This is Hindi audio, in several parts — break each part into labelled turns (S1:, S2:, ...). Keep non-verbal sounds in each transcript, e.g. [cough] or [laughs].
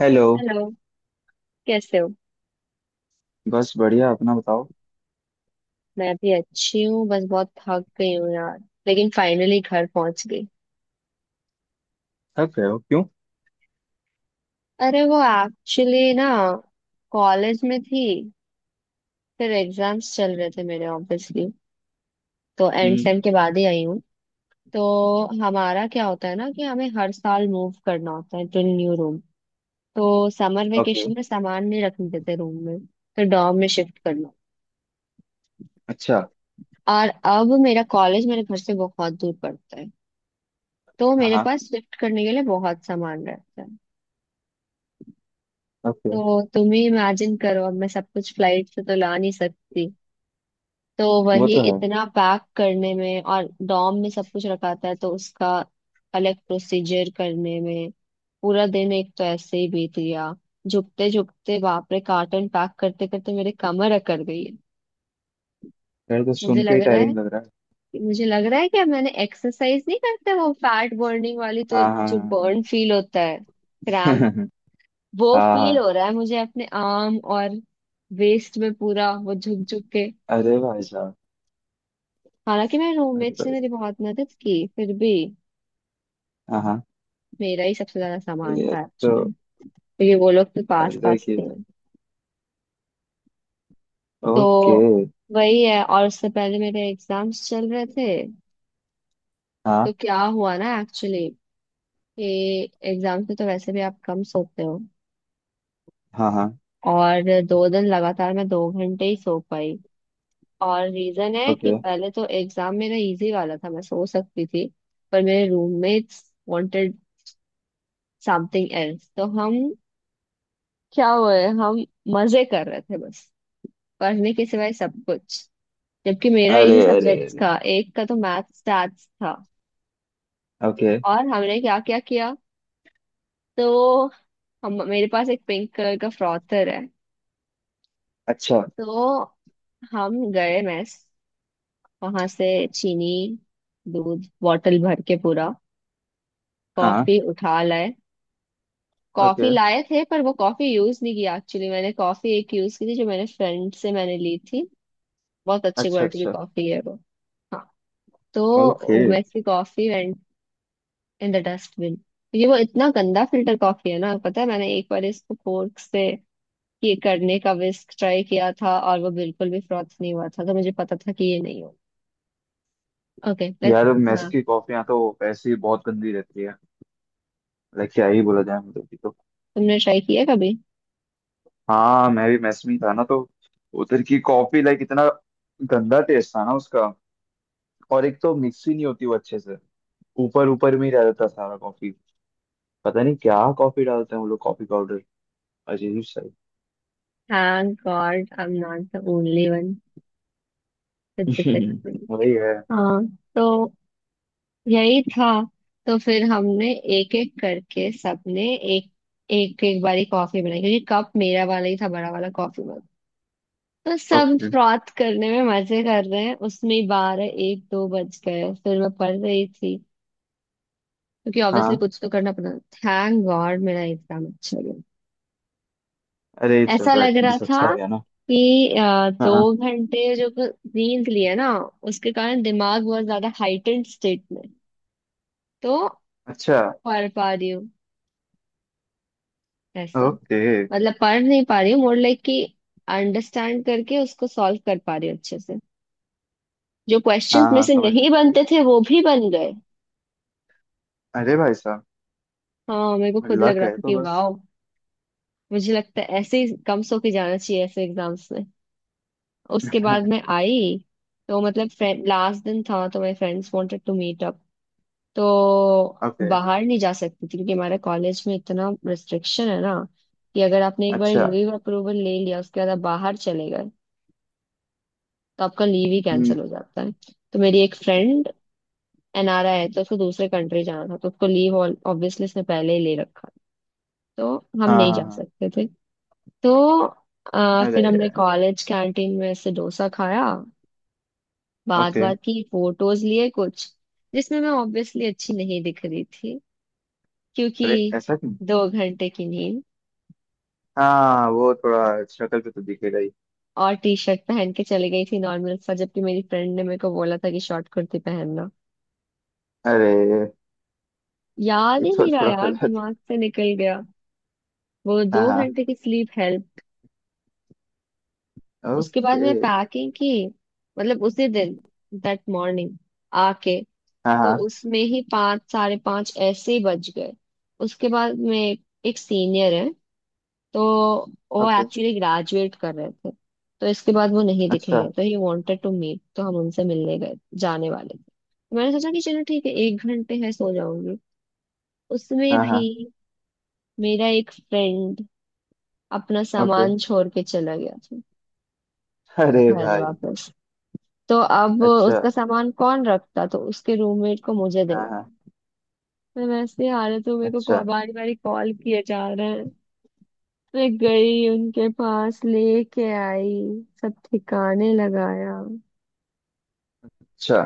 S1: हेलो।
S2: हेलो। कैसे हो?
S1: बस बढ़िया, अपना बताओ।
S2: मैं भी अच्छी हूँ बस बहुत थक गई हूँ यार। लेकिन फाइनली घर पहुंच गई।
S1: थक रहे हो क्यों?
S2: अरे वो एक्चुअली ना कॉलेज में थी। फिर एग्जाम्स चल रहे थे मेरे ऑब्वियसली। तो एंड
S1: हम्म।
S2: सेम के बाद ही आई हूँ। तो हमारा क्या होता है ना कि हमें हर साल मूव करना होता है टू न्यू रूम। तो समर
S1: ओके।
S2: वेकेशन में सामान नहीं रखने देते रूम में तो डॉर्म में शिफ्ट करना।
S1: अच्छा।
S2: और अब मेरा कॉलेज मेरे घर से बहुत दूर पड़ता है। तो
S1: हाँ
S2: मेरे
S1: हाँ।
S2: पास शिफ्ट करने के लिए बहुत सामान रहता है।
S1: ओके।
S2: तो तुम ही इमेजिन करो, अब मैं सब कुछ फ्लाइट से तो ला नहीं सकती। तो
S1: वो
S2: वही
S1: तो है।
S2: इतना पैक करने में और डॉम में सब कुछ रखा था तो उसका अलग प्रोसीजर करने में पूरा दिन एक तो ऐसे ही बीत गया। झुकते झुकते बाप रे कार्टन पैक करते करते मेरे कमर अकड़ गई है।
S1: यार, तो
S2: मुझे
S1: सुन के
S2: लग
S1: ही
S2: रहा है
S1: टायरिंग लग रहा है।
S2: मुझे लग रहा है कि अब मैंने एक्सरसाइज नहीं करता वो फैट बर्निंग वाली। तो
S1: हाँ
S2: जो
S1: हाँ।
S2: बर्न फील होता है,
S1: हाँ हाँ।
S2: क्रैम्प,
S1: [laughs]
S2: वो
S1: हाँ
S2: फील
S1: हाँ,
S2: हो रहा है मुझे अपने आर्म और वेस्ट में, पूरा वो झुक झुक के।
S1: अरे भाई साहब।
S2: हालांकि मेरे रूममेट
S1: अरे
S2: ने
S1: भाई
S2: मेरी बहुत मदद की फिर भी
S1: साहब, हाँ हाँ।
S2: मेरा ही सबसे ज्यादा सामान
S1: ये
S2: था
S1: तो।
S2: एक्चुअली। क्योंकि वो लोग तो पास
S1: अरे
S2: पास
S1: की
S2: थे।
S1: बात।
S2: तो
S1: ओके।
S2: वही है। और उससे पहले मेरे एग्जाम्स चल रहे थे।
S1: हाँ।
S2: तो क्या हुआ ना एक्चुअली कि एग्जाम्स में तो वैसे भी आप कम सोते हो।
S1: हाँ हाँ।
S2: और 2 दिन लगातार मैं 2 घंटे ही सो पाई। और रीजन है कि
S1: ओके।
S2: पहले तो एग्जाम मेरा इजी वाला था मैं सो सकती थी। पर मेरे रूममेट्स वांटेड समथिंग एल्स, तो हम क्या हुए, हम मजे कर रहे थे बस, पढ़ने के सिवाय सब कुछ। जबकि मेरा
S1: अरे
S2: इजी
S1: अरे
S2: सब्जेक्ट्स
S1: अरे।
S2: था, एक का तो मैथ स्टैट्स था।
S1: ओके।
S2: और हमने क्या क्या किया? तो हम, मेरे पास एक पिंक कलर का फ्रॉथर है।
S1: अच्छा।
S2: तो हम गए मेस, वहां से चीनी, दूध बॉटल भर के पूरा
S1: हाँ।
S2: कॉफी उठा लाए। Coffee
S1: okay.
S2: लाए थे पर वो कॉफी यूज नहीं किया एक्चुअली। मैंने कॉफी एक यूज की थी जो मैंने फ्रेंड से मैंने ली थी। बहुत अच्छी
S1: अच्छा
S2: क्वालिटी की
S1: अच्छा।
S2: कॉफी है वो। हाँ।
S1: ओके।
S2: तो वैसी coffee went in the dustbin. ये वो इतना गंदा फिल्टर कॉफी है ना, पता है मैंने एक बार इसको फोर्क से ये करने का विस्क ट्राई किया था और वो बिल्कुल भी फ्रॉथ नहीं हुआ था, तो मुझे पता था कि ये नहीं हो। Okay let's.
S1: यार, मेस
S2: हाँ
S1: की कॉफियाँ तो ऐसी बहुत गंदी रहती है। लाइक क्या ही बोला जाए, मतलब कि तो।
S2: तुमने ट्राई किया कभी?
S1: हाँ, मैं भी mess में ही था ना, तो उधर की कॉफी लाइक इतना गंदा टेस्ट था ना उसका। और एक तो मिक्स ही नहीं होती वो अच्छे से। ऊपर ऊपर में ही रह जाता सारा कॉफी। पता नहीं क्या कॉफी डालते हैं वो लोग, कॉफी पाउडर अजीब सा।
S2: Thank god I am not the only one with this
S1: he. [laughs]
S2: Experience.
S1: वही है।
S2: हाँ। तो यही था। तो फिर हमने एक एक करके सबने एक एक एक बारी कॉफी बनाई, क्योंकि कप मेरा वाला ही था, बड़ा वाला कॉफी मग। तो सब
S1: ओके।
S2: फ्रॉथ करने में मजे कर रहे हैं, उसमें ही बारह एक दो बज गए। फिर मैं पढ़ रही थी, क्योंकि ऑब्वियसली
S1: हाँ,
S2: कुछ तो करना पड़ा। थैंक गॉड मेरा एग्जाम अच्छा गया।
S1: अरे
S2: ऐसा
S1: चलो
S2: लग रहा
S1: एटलीस्ट अच्छा आ
S2: था
S1: गया ना।
S2: कि
S1: हाँ
S2: दो
S1: हाँ।
S2: घंटे जो नींद लिया ना उसके कारण दिमाग बहुत ज्यादा हाइटेंड स्टेट में। तो
S1: अच्छा।
S2: पढ़ पा रही हूँ ऐसा।
S1: ओके।
S2: मतलब पढ़ नहीं पा रही हूँ, मोर लाइक कि अंडरस्टैंड करके उसको सॉल्व कर पा रही हूँ अच्छे से। जो
S1: हाँ
S2: क्वेश्चंस में
S1: हाँ
S2: से
S1: समझ गया,
S2: नहीं
S1: समझ
S2: बनते
S1: गया।
S2: थे वो भी बन गए।
S1: अरे भाई साहब।
S2: हाँ मेरे को खुद लग
S1: लक
S2: रहा
S1: है
S2: था
S1: तो
S2: कि
S1: बस।
S2: वाह। मुझे लगता है ऐसे ही कम सो के जाना चाहिए ऐसे एग्जाम्स में। उसके बाद
S1: [laughs]
S2: मैं आई। तो मतलब फ्रेंड लास्ट दिन था तो my friends wanted to meet up. तो
S1: ओके।
S2: बाहर नहीं जा सकती थी, क्योंकि हमारे कॉलेज में इतना रिस्ट्रिक्शन है ना कि अगर आपने एक बार
S1: अच्छा।
S2: लीव अप्रूवल ले लिया, उसके बाद आप बाहर चले गए तो आपका लीव ही
S1: हम्म।
S2: कैंसिल हो जाता है। तो मेरी एक फ्रेंड एनआरआई है तो उसको दूसरे कंट्री जाना था, तो उसको लीव ऑब्वियसली उसने पहले ही ले रखा। तो हम
S1: हाँ
S2: नहीं
S1: हाँ
S2: जा
S1: हाँ।
S2: सकते थे। तो फिर
S1: अरे।
S2: हमने कॉलेज कैंटीन में से डोसा खाया। बात
S1: ओके।
S2: बात की फोटोज लिए कुछ, जिसमें मैं ऑब्वियसली अच्छी नहीं दिख रही थी, क्योंकि
S1: अरे ऐसा क्यों?
S2: 2 घंटे की नींद।
S1: हाँ वो थोड़ा शक्ल पे तो दिखेगा ही।
S2: और टी शर्ट पहन के चली गई थी नॉर्मल सा, जबकि मेरी फ्रेंड ने मेरे को बोला था कि शॉर्ट कुर्ती पहनना।
S1: अरे ये
S2: याद ही
S1: तो
S2: नहीं रहा
S1: थोड़ा
S2: यार,
S1: गलत है।
S2: दिमाग से निकल गया। वो दो
S1: हाँ हाँ।
S2: घंटे की स्लीप हेल्प। उसके बाद मैं
S1: ओके।
S2: पैकिंग की, मतलब उसी दिन, दैट मॉर्निंग आके।
S1: हाँ
S2: तो
S1: हाँ।
S2: उसमें ही पाँच साढ़े पाँच ऐसे ही बज गए। उसके बाद में एक सीनियर है तो वो
S1: ओके।
S2: एक्चुअली ग्रेजुएट कर रहे थे। तो इसके बाद वो नहीं
S1: अच्छा।
S2: दिखे, तो ही वांटेड टू मीट, तो हम उनसे मिलने गए। जाने वाले थे तो मैंने सोचा कि चलो ठीक है 1 घंटे है सो जाऊंगी। उसमें
S1: हाँ
S2: भी
S1: हाँ।
S2: मेरा एक फ्रेंड अपना
S1: ओके।
S2: सामान छोड़ के चला गया था
S1: अरे
S2: घर
S1: भाई।
S2: वापस। तो अब
S1: अच्छा।
S2: उसका सामान कौन रखता, तो उसके रूममेट को मुझे
S1: हाँ
S2: देना।
S1: हाँ।
S2: मैं वैसे हालत में, मेरे को
S1: अच्छा
S2: बारी बारी कॉल किए जा रहे हैं। मैं गई उनके पास लेके आई, सब ठिकाने लगाया।
S1: अच्छा।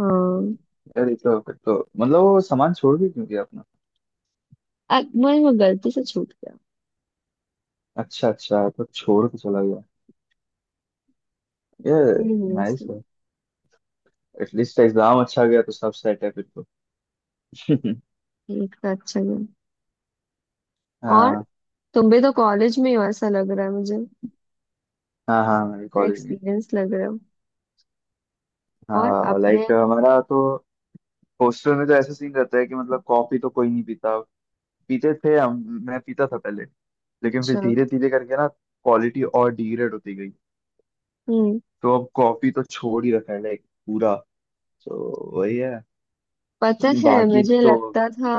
S2: हाँ।
S1: अरे तो फिर तो मतलब वो सामान छोड़ के क्यों गया अपना?
S2: मैं वो गलती से छूट गया।
S1: अच्छा अच्छा, तो छोड़ के चला गया। ये नाइस
S2: इसमें।
S1: है। एटलीस्ट एग्जाम अच्छा गया तो सब सेट है फिर तो। [laughs]
S2: एक तो अच्छा गया। और
S1: हाँ
S2: तुम भी तो कॉलेज में ही हो ऐसा लग रहा है मुझे।
S1: हाँ हाँ, मेरे कॉलेज में।
S2: एक्सपीरियंस लग रहा है, और
S1: हाँ,
S2: अपने।
S1: लाइक हमारा तो हॉस्टल में तो ऐसा सीन रहता है कि मतलब कॉफी तो कोई नहीं पीता। पीते थे हम। मैं पीता था पहले, लेकिन फिर
S2: अच्छा।
S1: धीरे धीरे करके ना क्वालिटी और डिग्रेड होती गई।
S2: हम्म।
S1: तो अब कॉफी तो छोड़ ही रखा है लाइक पूरा। तो वही है।
S2: पता है
S1: बाकी
S2: मुझे
S1: तो।
S2: लगता था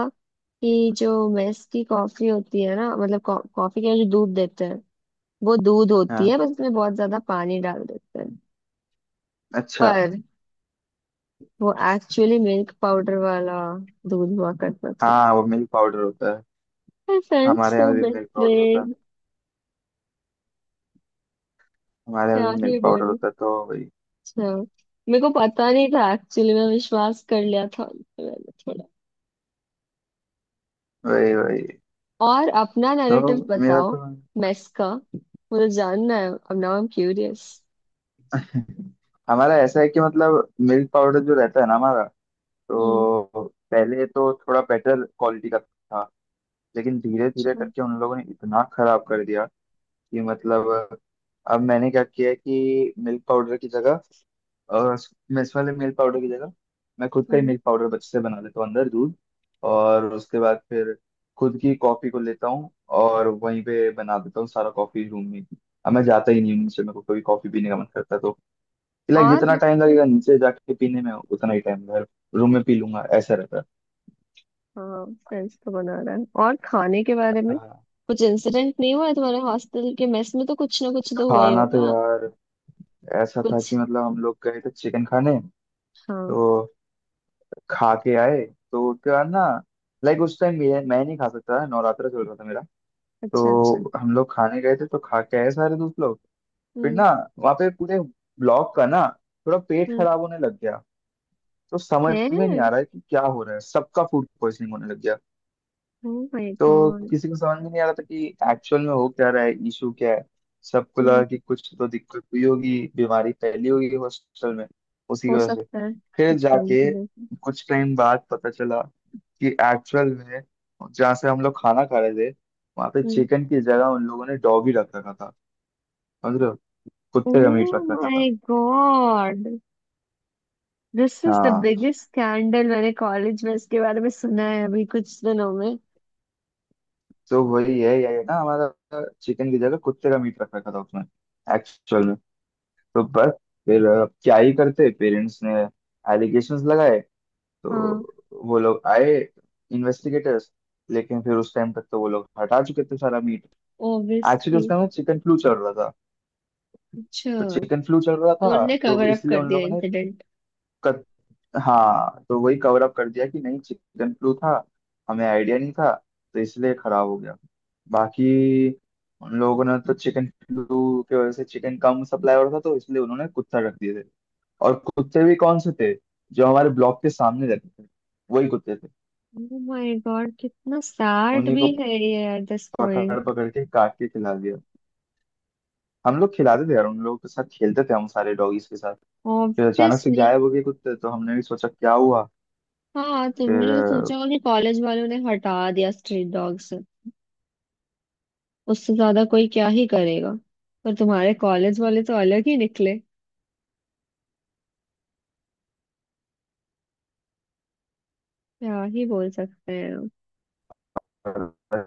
S2: कि जो मेस की कॉफी होती है ना, मतलब कॉफी के जो दूध देते हैं वो दूध होती
S1: हाँ।
S2: है, बस उसमें बहुत ज्यादा पानी डाल देते हैं।
S1: अच्छा।
S2: पर वो एक्चुअली मिल्क पाउडर वाला दूध हुआ करता था।
S1: हाँ वो मिल्क पाउडर होता है।
S2: आई फेल्ट
S1: हमारे
S2: सो
S1: यहाँ भी मिल्क पाउडर होता है।
S2: बेट्रेड।
S1: हमारे यहाँ
S2: क्या
S1: भी
S2: ही
S1: मिल्क पाउडर
S2: बोलूं।
S1: होता है, तो वही
S2: अच्छा। मेरे को पता नहीं था एक्चुअली, मैं विश्वास कर लिया था उन पे मैंने थोड़ा।
S1: वही वही।
S2: और अपना
S1: तो
S2: नैरेटिव
S1: मेरा
S2: बताओ,
S1: तो।
S2: मेस का। मुझे जानना है अब, नाउ आई एम क्यूरियस।
S1: [laughs] हमारा ऐसा है कि मतलब मिल्क पाउडर जो रहता है ना हमारा,
S2: हम्म।
S1: तो पहले तो थोड़ा बेटर क्वालिटी का था। लेकिन धीरे धीरे
S2: अच्छा,
S1: करके उन लोगों ने इतना खराब कर दिया कि मतलब, अब मैंने क्या किया है कि मिल्क पाउडर की जगह, अ, मिस वाले मिल्क पाउडर की जगह मैं खुद का ही
S2: हम्म।
S1: मिल्क पाउडर बच से बना लेता हूँ अंदर दूध। और उसके बाद फिर खुद की कॉफी को लेता हूँ और वहीं पे बना देता हूँ सारा कॉफी रूम में ही। अब मैं जाता ही नहीं हूँ नीचे। मेरे को कभी कॉफी पीने का मन करता है, तो लाइक
S2: और
S1: जितना टाइम
S2: मतलब।
S1: लगेगा नीचे जाके पीने में उतना ही टाइम घर रूम में पी लूंगा, ऐसा रहता है।
S2: हाँ, फ्रेंड्स तो बना रहा है, और खाने के बारे में
S1: हाँ,
S2: कुछ इंसिडेंट नहीं हुआ है? तुम्हारे हॉस्टल के मेस में तो कुछ ना कुछ तो हुआ ही
S1: खाना तो
S2: होगा।
S1: यार ऐसा था
S2: कुछ।
S1: कि मतलब हम लोग गए थे चिकन खाने,
S2: हाँ।
S1: तो खा के आए। तो उसके बाद ना, लाइक उस टाइम मैं नहीं खा सकता था, नवरात्रा चल रहा था मेरा।
S2: अच्छा अच्छा।
S1: तो हम लोग खाने गए थे तो खा के आए सारे दोस्त लोग। फिर
S2: हम्म।
S1: ना, वहाँ पे पूरे ब्लॉक का ना थोड़ा पेट
S2: हम्म।
S1: खराब होने लग गया। तो समझ
S2: है।
S1: में नहीं आ रहा है कि क्या हो रहा है, सबका फूड पॉइजनिंग होने लग गया।
S2: ओह माय
S1: तो
S2: गॉड।
S1: किसी को समझ में नहीं आ रहा था कि एक्चुअल में हो क्या रहा है, इशू क्या है। सबको
S2: हम्म।
S1: लगा कि कुछ तो दिक्कत हुई होगी, बीमारी फैली होगी हॉस्टल में, उसी की
S2: हो
S1: वजह से।
S2: सकता है
S1: फिर
S2: कुछ
S1: जाके
S2: कंफ्यूजन।
S1: कुछ टाइम बाद पता चला कि एक्चुअल में जहाँ से हम लोग खाना खा रहे थे, वहां पे
S2: हम्म।
S1: चिकन की जगह उन लोगों ने डॉगी रख रखा था। मतलब कुत्ते का मीट
S2: ओह
S1: रख रखा था।
S2: My god, this is the
S1: हाँ
S2: बिगेस्ट स्कैंडल, मैंने कॉलेज में इसके बारे में सुना है अभी कुछ दिनों में।
S1: तो वही है ये है ना, हमारा चिकन की जगह कुत्ते का मीट रख रखा था उसमें एक्चुअल में। तो बस फिर क्या ही करते, पेरेंट्स ने एलिगेशंस लगाए
S2: हाँ।
S1: तो वो लोग आए, इन्वेस्टिगेटर्स। लेकिन फिर उस टाइम तक तो वो लोग हटा चुके थे सारा मीट। Actually
S2: obviously.
S1: उस टाइम चिकन फ्लू चल रहा था।
S2: अच्छा,
S1: तो चिकन फ्लू चल रहा
S2: तो
S1: था,
S2: उनने
S1: तो
S2: कवर अप
S1: इसलिए
S2: कर
S1: उन
S2: दिया
S1: लोगों ने
S2: इंसिडेंट।
S1: कत, हाँ तो वही कवर अप कर दिया कि नहीं चिकन फ्लू था, हमें आइडिया नहीं था, तो इसलिए खराब हो गया। बाकी उन लोगों ने तो चिकन फ्लू की वजह से चिकन कम सप्लाई हो रहा था तो इसलिए उन्होंने कुत्ता रख दिया। और कुत्ते भी कौन से थे? जो हमारे ब्लॉक के सामने रहते थे, वही कुत्ते थे।
S2: ओह माय गॉड, कितना सैड
S1: उन्हीं
S2: भी
S1: को
S2: है ये एट दिस
S1: पकड़
S2: पॉइंट।
S1: पकड़ के काट के खिला दिया। हम लोग खिलाते थे यार, उन लोगों के साथ खेलते थे हम, सारे डॉगीज के साथ। फिर अचानक से
S2: ऑब्वियसली।
S1: गायब हो गए कुत्ते, तो हमने भी सोचा क्या हुआ।
S2: हाँ, तुमने
S1: फिर
S2: तो सोचा होगा कि कॉलेज वालों ने हटा दिया स्ट्रीट डॉग से। उससे ज्यादा कोई क्या ही करेगा। पर तुम्हारे कॉलेज वाले तो अलग ही निकले। क्या ही बोल सकते हैं।
S1: पता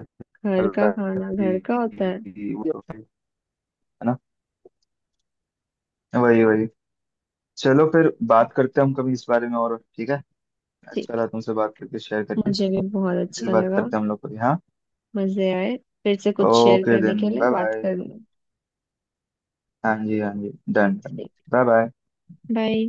S2: घर का
S1: चला
S2: खाना घर का होता है।
S1: कि- है ना, वही वही। चलो फिर बात करते हैं हम कभी इस बारे में और, ठीक है। अच्छा
S2: ठीक
S1: लगा तुमसे बात करके, शेयर
S2: है,
S1: करके।
S2: मुझे भी बहुत
S1: फिर
S2: अच्छा
S1: बात
S2: लगा।
S1: करते हैं हम लोग कभी। हाँ,
S2: मजे आए। फिर से कुछ शेयर
S1: ओके
S2: करने
S1: देन,
S2: के लिए
S1: बाय
S2: बात
S1: बाय।
S2: करूंगी।
S1: हाँ जी हाँ जी, डन डन।
S2: ठीक,
S1: बाय बाय।
S2: बाय।